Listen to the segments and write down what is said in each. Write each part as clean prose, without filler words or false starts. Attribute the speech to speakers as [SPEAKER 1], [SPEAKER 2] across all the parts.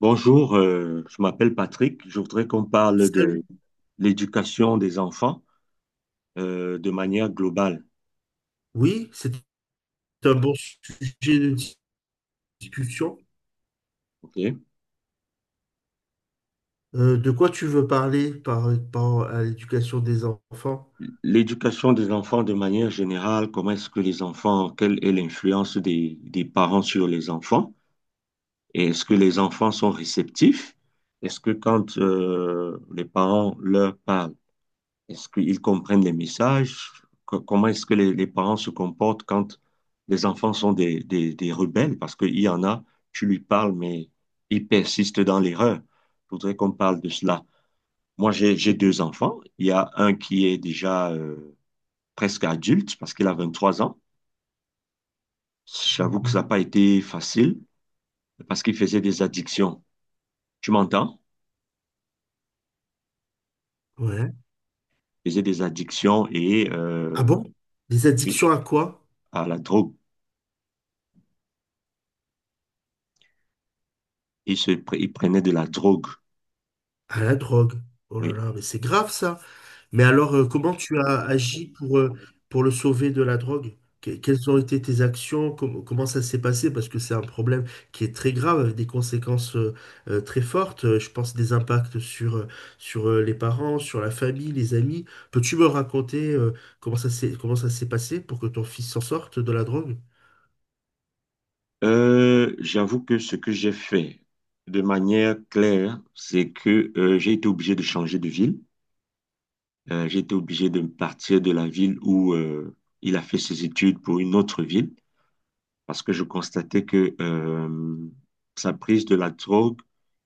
[SPEAKER 1] Bonjour, je m'appelle Patrick. Je voudrais qu'on parle de
[SPEAKER 2] Salut.
[SPEAKER 1] l'éducation des enfants de manière globale.
[SPEAKER 2] Oui, c'est un bon sujet de discussion.
[SPEAKER 1] Ok.
[SPEAKER 2] De quoi tu veux parler par rapport à l'éducation des enfants?
[SPEAKER 1] L'éducation des enfants de manière générale, comment est-ce que les enfants, quelle est l'influence des parents sur les enfants? Et est-ce que les enfants sont réceptifs? Est-ce que quand les parents leur parlent, est-ce qu'ils comprennent les messages? Comment est-ce que les parents se comportent quand les enfants sont des rebelles? Parce qu'il y en a, tu lui parles, mais ils persistent dans l'erreur. Je voudrais qu'on parle de cela. Moi, j'ai deux enfants. Il y a un qui est déjà presque adulte parce qu'il a 23 ans. J'avoue que ça n'a
[SPEAKER 2] Mhm.
[SPEAKER 1] pas été facile parce qu'il faisait des addictions. Tu m'entends?
[SPEAKER 2] Ouais.
[SPEAKER 1] Il faisait des addictions et
[SPEAKER 2] Ah bon? Les
[SPEAKER 1] oui,
[SPEAKER 2] addictions à quoi?
[SPEAKER 1] à la drogue. Il prenait de la drogue.
[SPEAKER 2] À la drogue. Oh là
[SPEAKER 1] Oui.
[SPEAKER 2] là, mais c'est grave ça. Mais alors, comment tu as agi pour le sauver de la drogue? Quelles ont été tes actions? Comment ça s'est passé? Parce que c'est un problème qui est très grave, avec des conséquences très fortes. Je pense des impacts sur, sur les parents, sur la famille, les amis. Peux-tu me raconter comment ça s'est passé pour que ton fils s'en sorte de la drogue?
[SPEAKER 1] J'avoue que ce que j'ai fait de manière claire, c'est que j'ai été obligé de changer de ville. J'ai été obligé de partir de la ville où il a fait ses études pour une autre ville parce que je constatais que sa prise de la drogue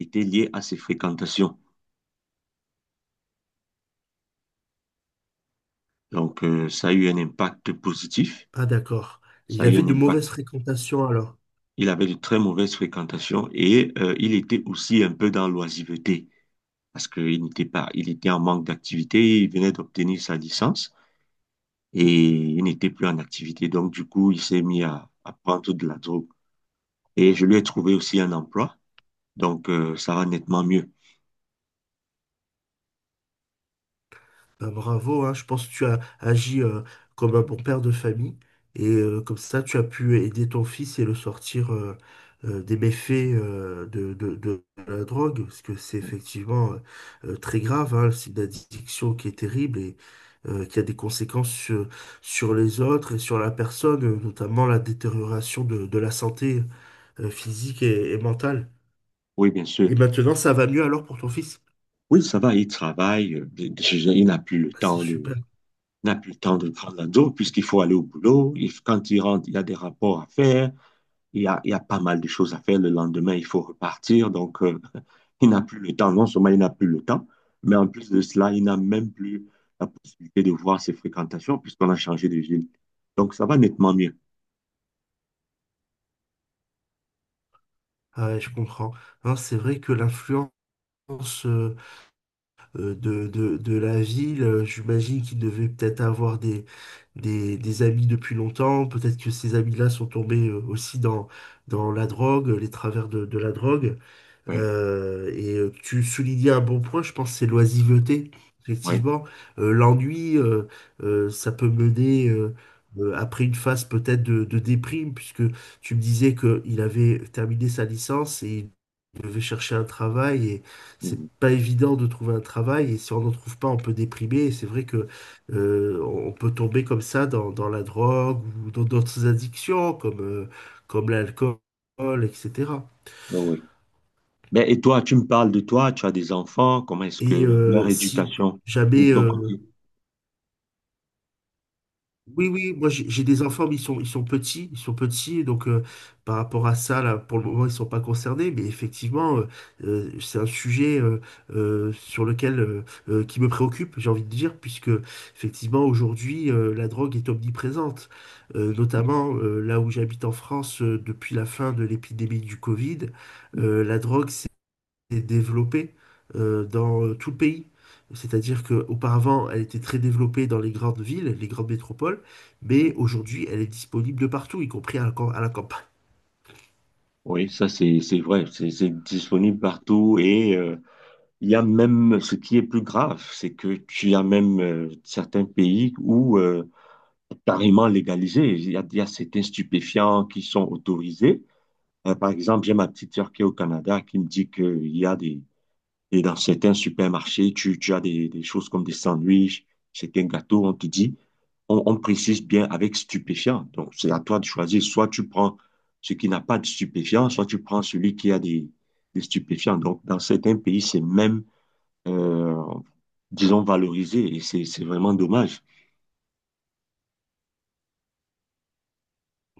[SPEAKER 1] était liée à ses fréquentations. Donc, ça a eu un impact positif.
[SPEAKER 2] Ah d'accord.
[SPEAKER 1] Ça
[SPEAKER 2] Il
[SPEAKER 1] a eu
[SPEAKER 2] avait
[SPEAKER 1] un
[SPEAKER 2] de
[SPEAKER 1] impact.
[SPEAKER 2] mauvaises fréquentations alors.
[SPEAKER 1] Il avait de très mauvaises fréquentations et il était aussi un peu dans l'oisiveté. Parce qu'il n'était pas, il était en manque d'activité, il venait d'obtenir sa licence et il n'était plus en activité. Donc, du coup, il s'est mis à prendre de la drogue. Et je lui ai trouvé aussi un emploi, donc ça va nettement mieux.
[SPEAKER 2] Bah, bravo, hein. Je pense que tu as agi comme un bon père de famille et comme ça tu as pu aider ton fils et le sortir des méfaits de la drogue, parce que c'est effectivement très grave, hein, c'est une addiction qui est terrible et qui a des conséquences sur, sur les autres et sur la personne, notamment la détérioration de la santé physique et mentale.
[SPEAKER 1] Oui, bien sûr.
[SPEAKER 2] Et maintenant ça va mieux alors pour ton fils?
[SPEAKER 1] Oui, ça va, il travaille, il n'a plus le
[SPEAKER 2] Bah, c'est
[SPEAKER 1] temps
[SPEAKER 2] super.
[SPEAKER 1] de prendre la drogue puisqu'il faut aller au boulot. Quand il rentre, il y a des rapports à faire. Il y a pas mal de choses à faire. Le lendemain, il faut repartir. Donc, il n'a plus le temps. Non seulement il n'a plus le temps, mais en plus de cela, il n'a même plus la possibilité de voir ses fréquentations puisqu'on a changé de ville. Donc, ça va nettement mieux.
[SPEAKER 2] Ah ouais, je comprends. Hein, c'est vrai que l'influence sens, de la ville. J'imagine qu'il devait peut-être avoir des, des amis depuis longtemps. Peut-être que ces amis-là sont tombés aussi dans, dans la drogue, les travers de la drogue.
[SPEAKER 1] Oui,
[SPEAKER 2] Et tu soulignais un bon point, je pense, c'est l'oisiveté.
[SPEAKER 1] oui.
[SPEAKER 2] Effectivement, l'ennui, ça peut mener après une phase peut-être de déprime, puisque tu me disais qu'il avait terminé sa licence et il devait chercher un travail, et c'est
[SPEAKER 1] Mhm.
[SPEAKER 2] pas évident de trouver un travail, et si on n'en trouve pas, on peut déprimer, et c'est vrai que on peut tomber comme ça dans, dans la drogue ou dans d'autres addictions comme, comme l'alcool, etc.
[SPEAKER 1] Ah oui. Ben, et toi, tu me parles de toi, tu as des enfants, comment est-ce que
[SPEAKER 2] Et
[SPEAKER 1] leur
[SPEAKER 2] si
[SPEAKER 1] éducation de
[SPEAKER 2] jamais,
[SPEAKER 1] ton côté?
[SPEAKER 2] Oui, oui, moi j'ai des enfants, mais ils sont petits, donc par rapport à ça, là, pour le moment, ils sont pas concernés, mais effectivement, c'est un sujet sur lequel qui me préoccupe, j'ai envie de dire, puisque effectivement aujourd'hui, la drogue est omniprésente. Notamment là où j'habite en France depuis la fin de l'épidémie du Covid, la drogue est développée dans tout le pays. C'est-à-dire qu'auparavant, elle était très développée dans les grandes villes, les grandes métropoles, mais aujourd'hui, elle est disponible de partout, y compris à la, à la campagne.
[SPEAKER 1] Oui, ça c'est vrai, c'est disponible partout et il y a même ce qui est plus grave, c'est que tu as même certains pays où carrément légalisé. Il y a certains stupéfiants qui sont autorisés. Par exemple, j'ai ma petite sœur qui est au Canada qui me dit qu'il y a et dans certains supermarchés, tu as des, choses comme des sandwichs, certains gâteaux, on te dit, on précise bien avec stupéfiant. Donc, c'est à toi de choisir. Soit tu prends ce qui n'a pas de stupéfiant, soit tu prends celui qui a des stupéfiants. Donc, dans certains pays, c'est même euh, disons, valorisé. Et c'est vraiment dommage.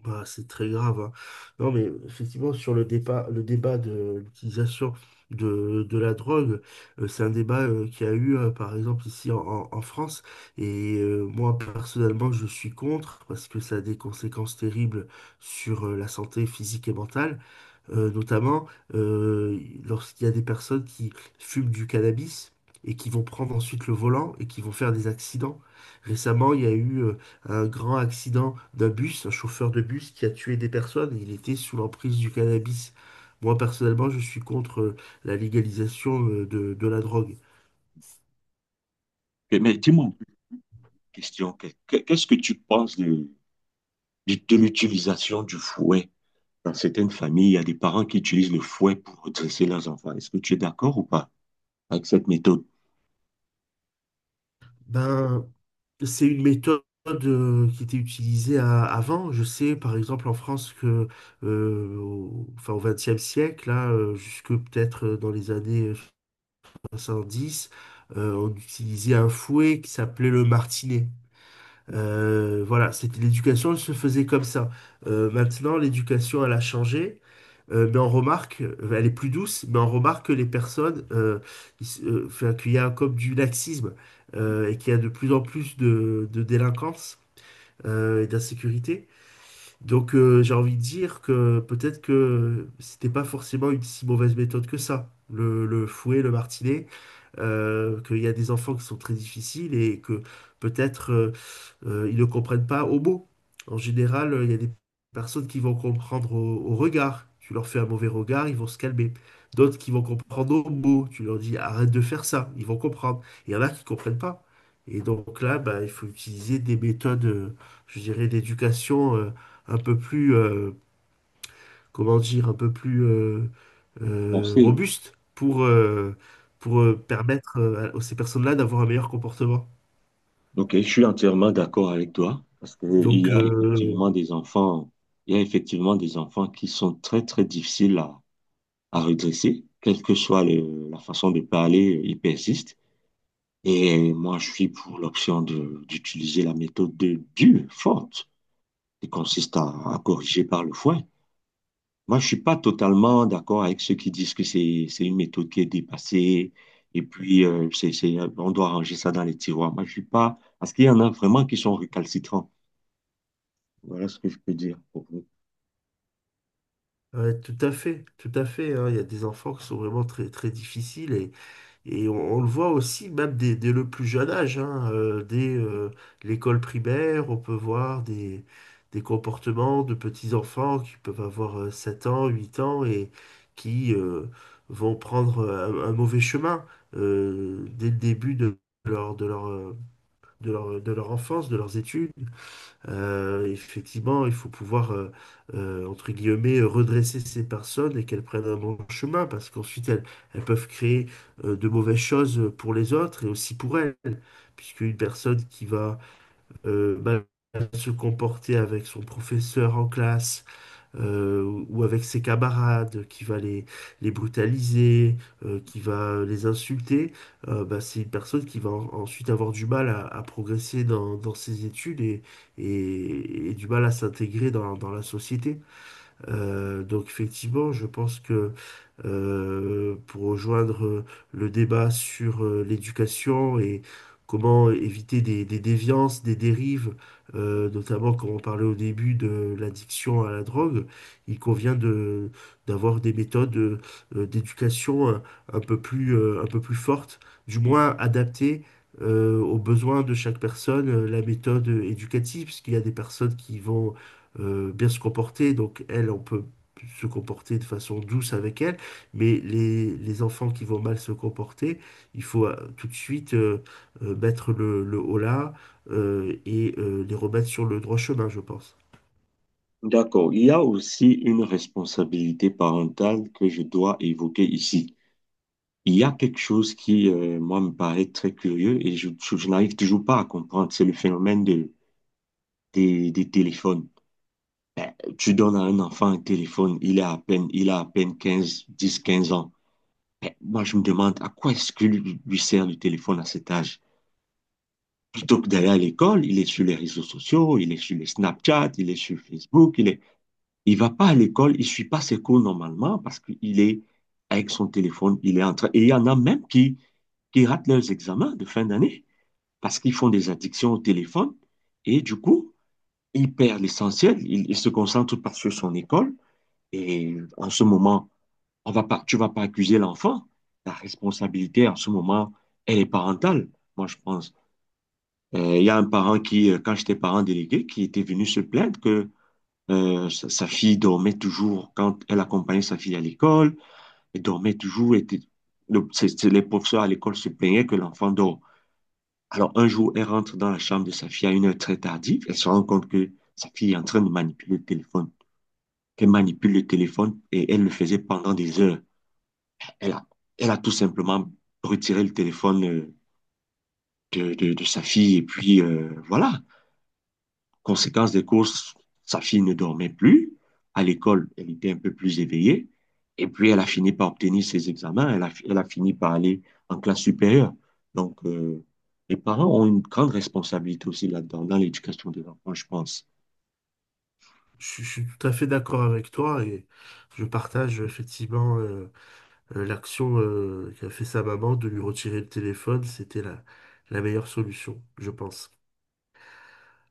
[SPEAKER 2] Bah, c'est très grave, hein. Non, mais effectivement, sur le débat de l'utilisation de la drogue, c'est un débat qui a eu, par exemple, ici en, en France. Moi, personnellement, je suis contre parce que ça a des conséquences terribles sur la santé physique et mentale. Notamment lorsqu'il y a des personnes qui fument du cannabis et qui vont prendre ensuite le volant et qui vont faire des accidents. Récemment, il y a eu un grand accident d'un bus, un chauffeur de bus qui a tué des personnes. Il était sous l'emprise du cannabis. Moi, personnellement, je suis contre la légalisation de la drogue.
[SPEAKER 1] Et mais dis-moi un peu une question. Qu'est-ce que tu penses de l'utilisation du fouet? Dans certaines familles, il y a des parents qui utilisent le fouet pour dresser leurs enfants. Est-ce que tu es d'accord ou pas avec cette méthode?
[SPEAKER 2] Ben, c'est une méthode qui était utilisée avant. Je sais, par exemple, en France, que, au, enfin, au XXe siècle, là, jusque peut-être dans les années 70, on utilisait un fouet qui s'appelait le martinet. Voilà, c'était l'éducation, elle se faisait comme ça. Maintenant, l'éducation, elle a changé, mais on remarque, elle est plus douce, mais on remarque que les personnes, enfin, qu'il y a comme du laxisme et qu'il y a de plus en plus de délinquance et d'insécurité. Donc, j'ai envie de dire que peut-être que c'était pas forcément une si mauvaise méthode que ça, le fouet, le martinet, qu'il y a des enfants qui sont très difficiles et que peut-être ils ne comprennent pas au mot. En général, il y a des personnes qui vont comprendre au, au regard. Tu leur fais un mauvais regard, ils vont se calmer. D'autres qui vont comprendre au mot. Tu leur dis arrête de faire ça, ils vont comprendre. Il y en a qui ne comprennent pas. Et donc là, bah, il faut utiliser des méthodes, je dirais, d'éducation un peu plus, comment dire, un peu plus
[SPEAKER 1] On sait.
[SPEAKER 2] robustes pour permettre à ces personnes-là d'avoir un meilleur comportement.
[SPEAKER 1] Ok, je suis entièrement d'accord avec toi parce que
[SPEAKER 2] Donc, euh,
[SPEAKER 1] il y a effectivement des enfants qui sont très, très difficiles à redresser, quelle que soit la façon de parler, ils persistent. Et moi, je suis pour l'option d'utiliser la méthode de dure, forte, qui consiste à corriger par le foin. Moi, je suis pas totalement d'accord avec ceux qui disent que c'est une méthode qui est dépassée et puis on doit ranger ça dans les tiroirs. Moi, je suis pas, parce qu'il y en a vraiment qui sont récalcitrants. Voilà ce que je peux dire pour vous.
[SPEAKER 2] Ouais, tout à fait, tout à fait, hein. Il y a des enfants qui sont vraiment très, très difficiles et on le voit aussi même dès, dès le plus jeune âge, hein, dès l'école primaire, on peut voir des comportements de petits-enfants qui peuvent avoir 7 ans, 8 ans et qui vont prendre un mauvais chemin dès le début de leur, de leur, de leur, de leur enfance, de leurs études. Effectivement, il faut pouvoir, entre guillemets, redresser ces personnes et qu'elles prennent un bon chemin, parce qu'ensuite, elles, elles peuvent créer de mauvaises choses pour les autres et aussi pour elles, puisqu'une personne qui va mal se comporter avec son professeur en classe, ou avec ses camarades, qui va les brutaliser, qui va les insulter, bah, c'est une personne qui va ensuite avoir du mal à progresser dans, dans ses études et et du mal à s'intégrer dans, dans la société. Donc effectivement, je pense que pour rejoindre le débat sur l'éducation et comment éviter des déviances, des dérives, notamment comme on parlait au début de l'addiction à la drogue. Il convient de, d'avoir des méthodes d'éducation un peu plus fortes, du moins adaptées aux besoins de chaque personne, la méthode éducative, parce qu'il y a des personnes qui vont bien se comporter, donc elles, on peut se comporter de façon douce avec elles. Mais les enfants qui vont mal se comporter, il faut tout de suite mettre le holà et les remettre sur le droit chemin, je pense.
[SPEAKER 1] D'accord. Il y a aussi une responsabilité parentale que je dois évoquer ici. Il y a quelque chose qui, moi, me paraît très curieux et je n'arrive toujours pas à comprendre. C'est le phénomène des téléphones. Tu donnes à un enfant un téléphone, il a à peine 15 ans. Mais moi, je me demande à quoi est-ce que lui sert le téléphone à cet âge? Plutôt que d'aller à l'école, il est sur les réseaux sociaux, il est sur les Snapchat, il est sur Facebook, il est... Il va pas à l'école, il suit pas ses cours normalement parce qu'il est avec son téléphone, il est en train... Et il y en a même qui ratent leurs examens de fin d'année parce qu'ils font des addictions au téléphone et du coup, ils perdent l'essentiel, ils se concentrent tout par sur son école et en ce moment, on va pas, tu vas pas accuser l'enfant. La responsabilité en ce moment, elle est parentale, moi je pense. Il y a un parent qui, quand j'étais parent délégué, qui était venu se plaindre que sa fille dormait toujours quand elle accompagnait sa fille à l'école, elle dormait toujours, était, les professeurs à l'école se plaignaient que l'enfant dort. Alors, un jour, elle rentre dans la chambre de sa fille à une heure très tardive. Elle se rend compte que sa fille est en train de manipuler le téléphone, qu'elle manipule le téléphone et elle le faisait pendant des heures. Elle a, elle a tout simplement retiré le téléphone de sa fille et puis voilà. Conséquence des courses, sa fille ne dormait plus. À l'école, elle était un peu plus éveillée. Et puis, elle a fini par obtenir ses examens. Elle a fini par aller en classe supérieure. Donc, les parents ont une grande responsabilité aussi là-dedans, dans l'éducation des enfants, je pense.
[SPEAKER 2] Je suis tout à fait d'accord avec toi et je partage effectivement l'action qu'a fait sa maman de lui retirer le téléphone. C'était la, la meilleure solution, je pense.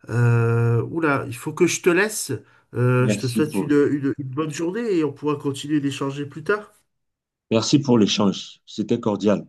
[SPEAKER 2] Oula, il faut que je te laisse. Je te
[SPEAKER 1] Merci
[SPEAKER 2] souhaite
[SPEAKER 1] pour,
[SPEAKER 2] une, une bonne journée et on pourra continuer d'échanger plus tard.
[SPEAKER 1] merci pour l'échange. C'était cordial.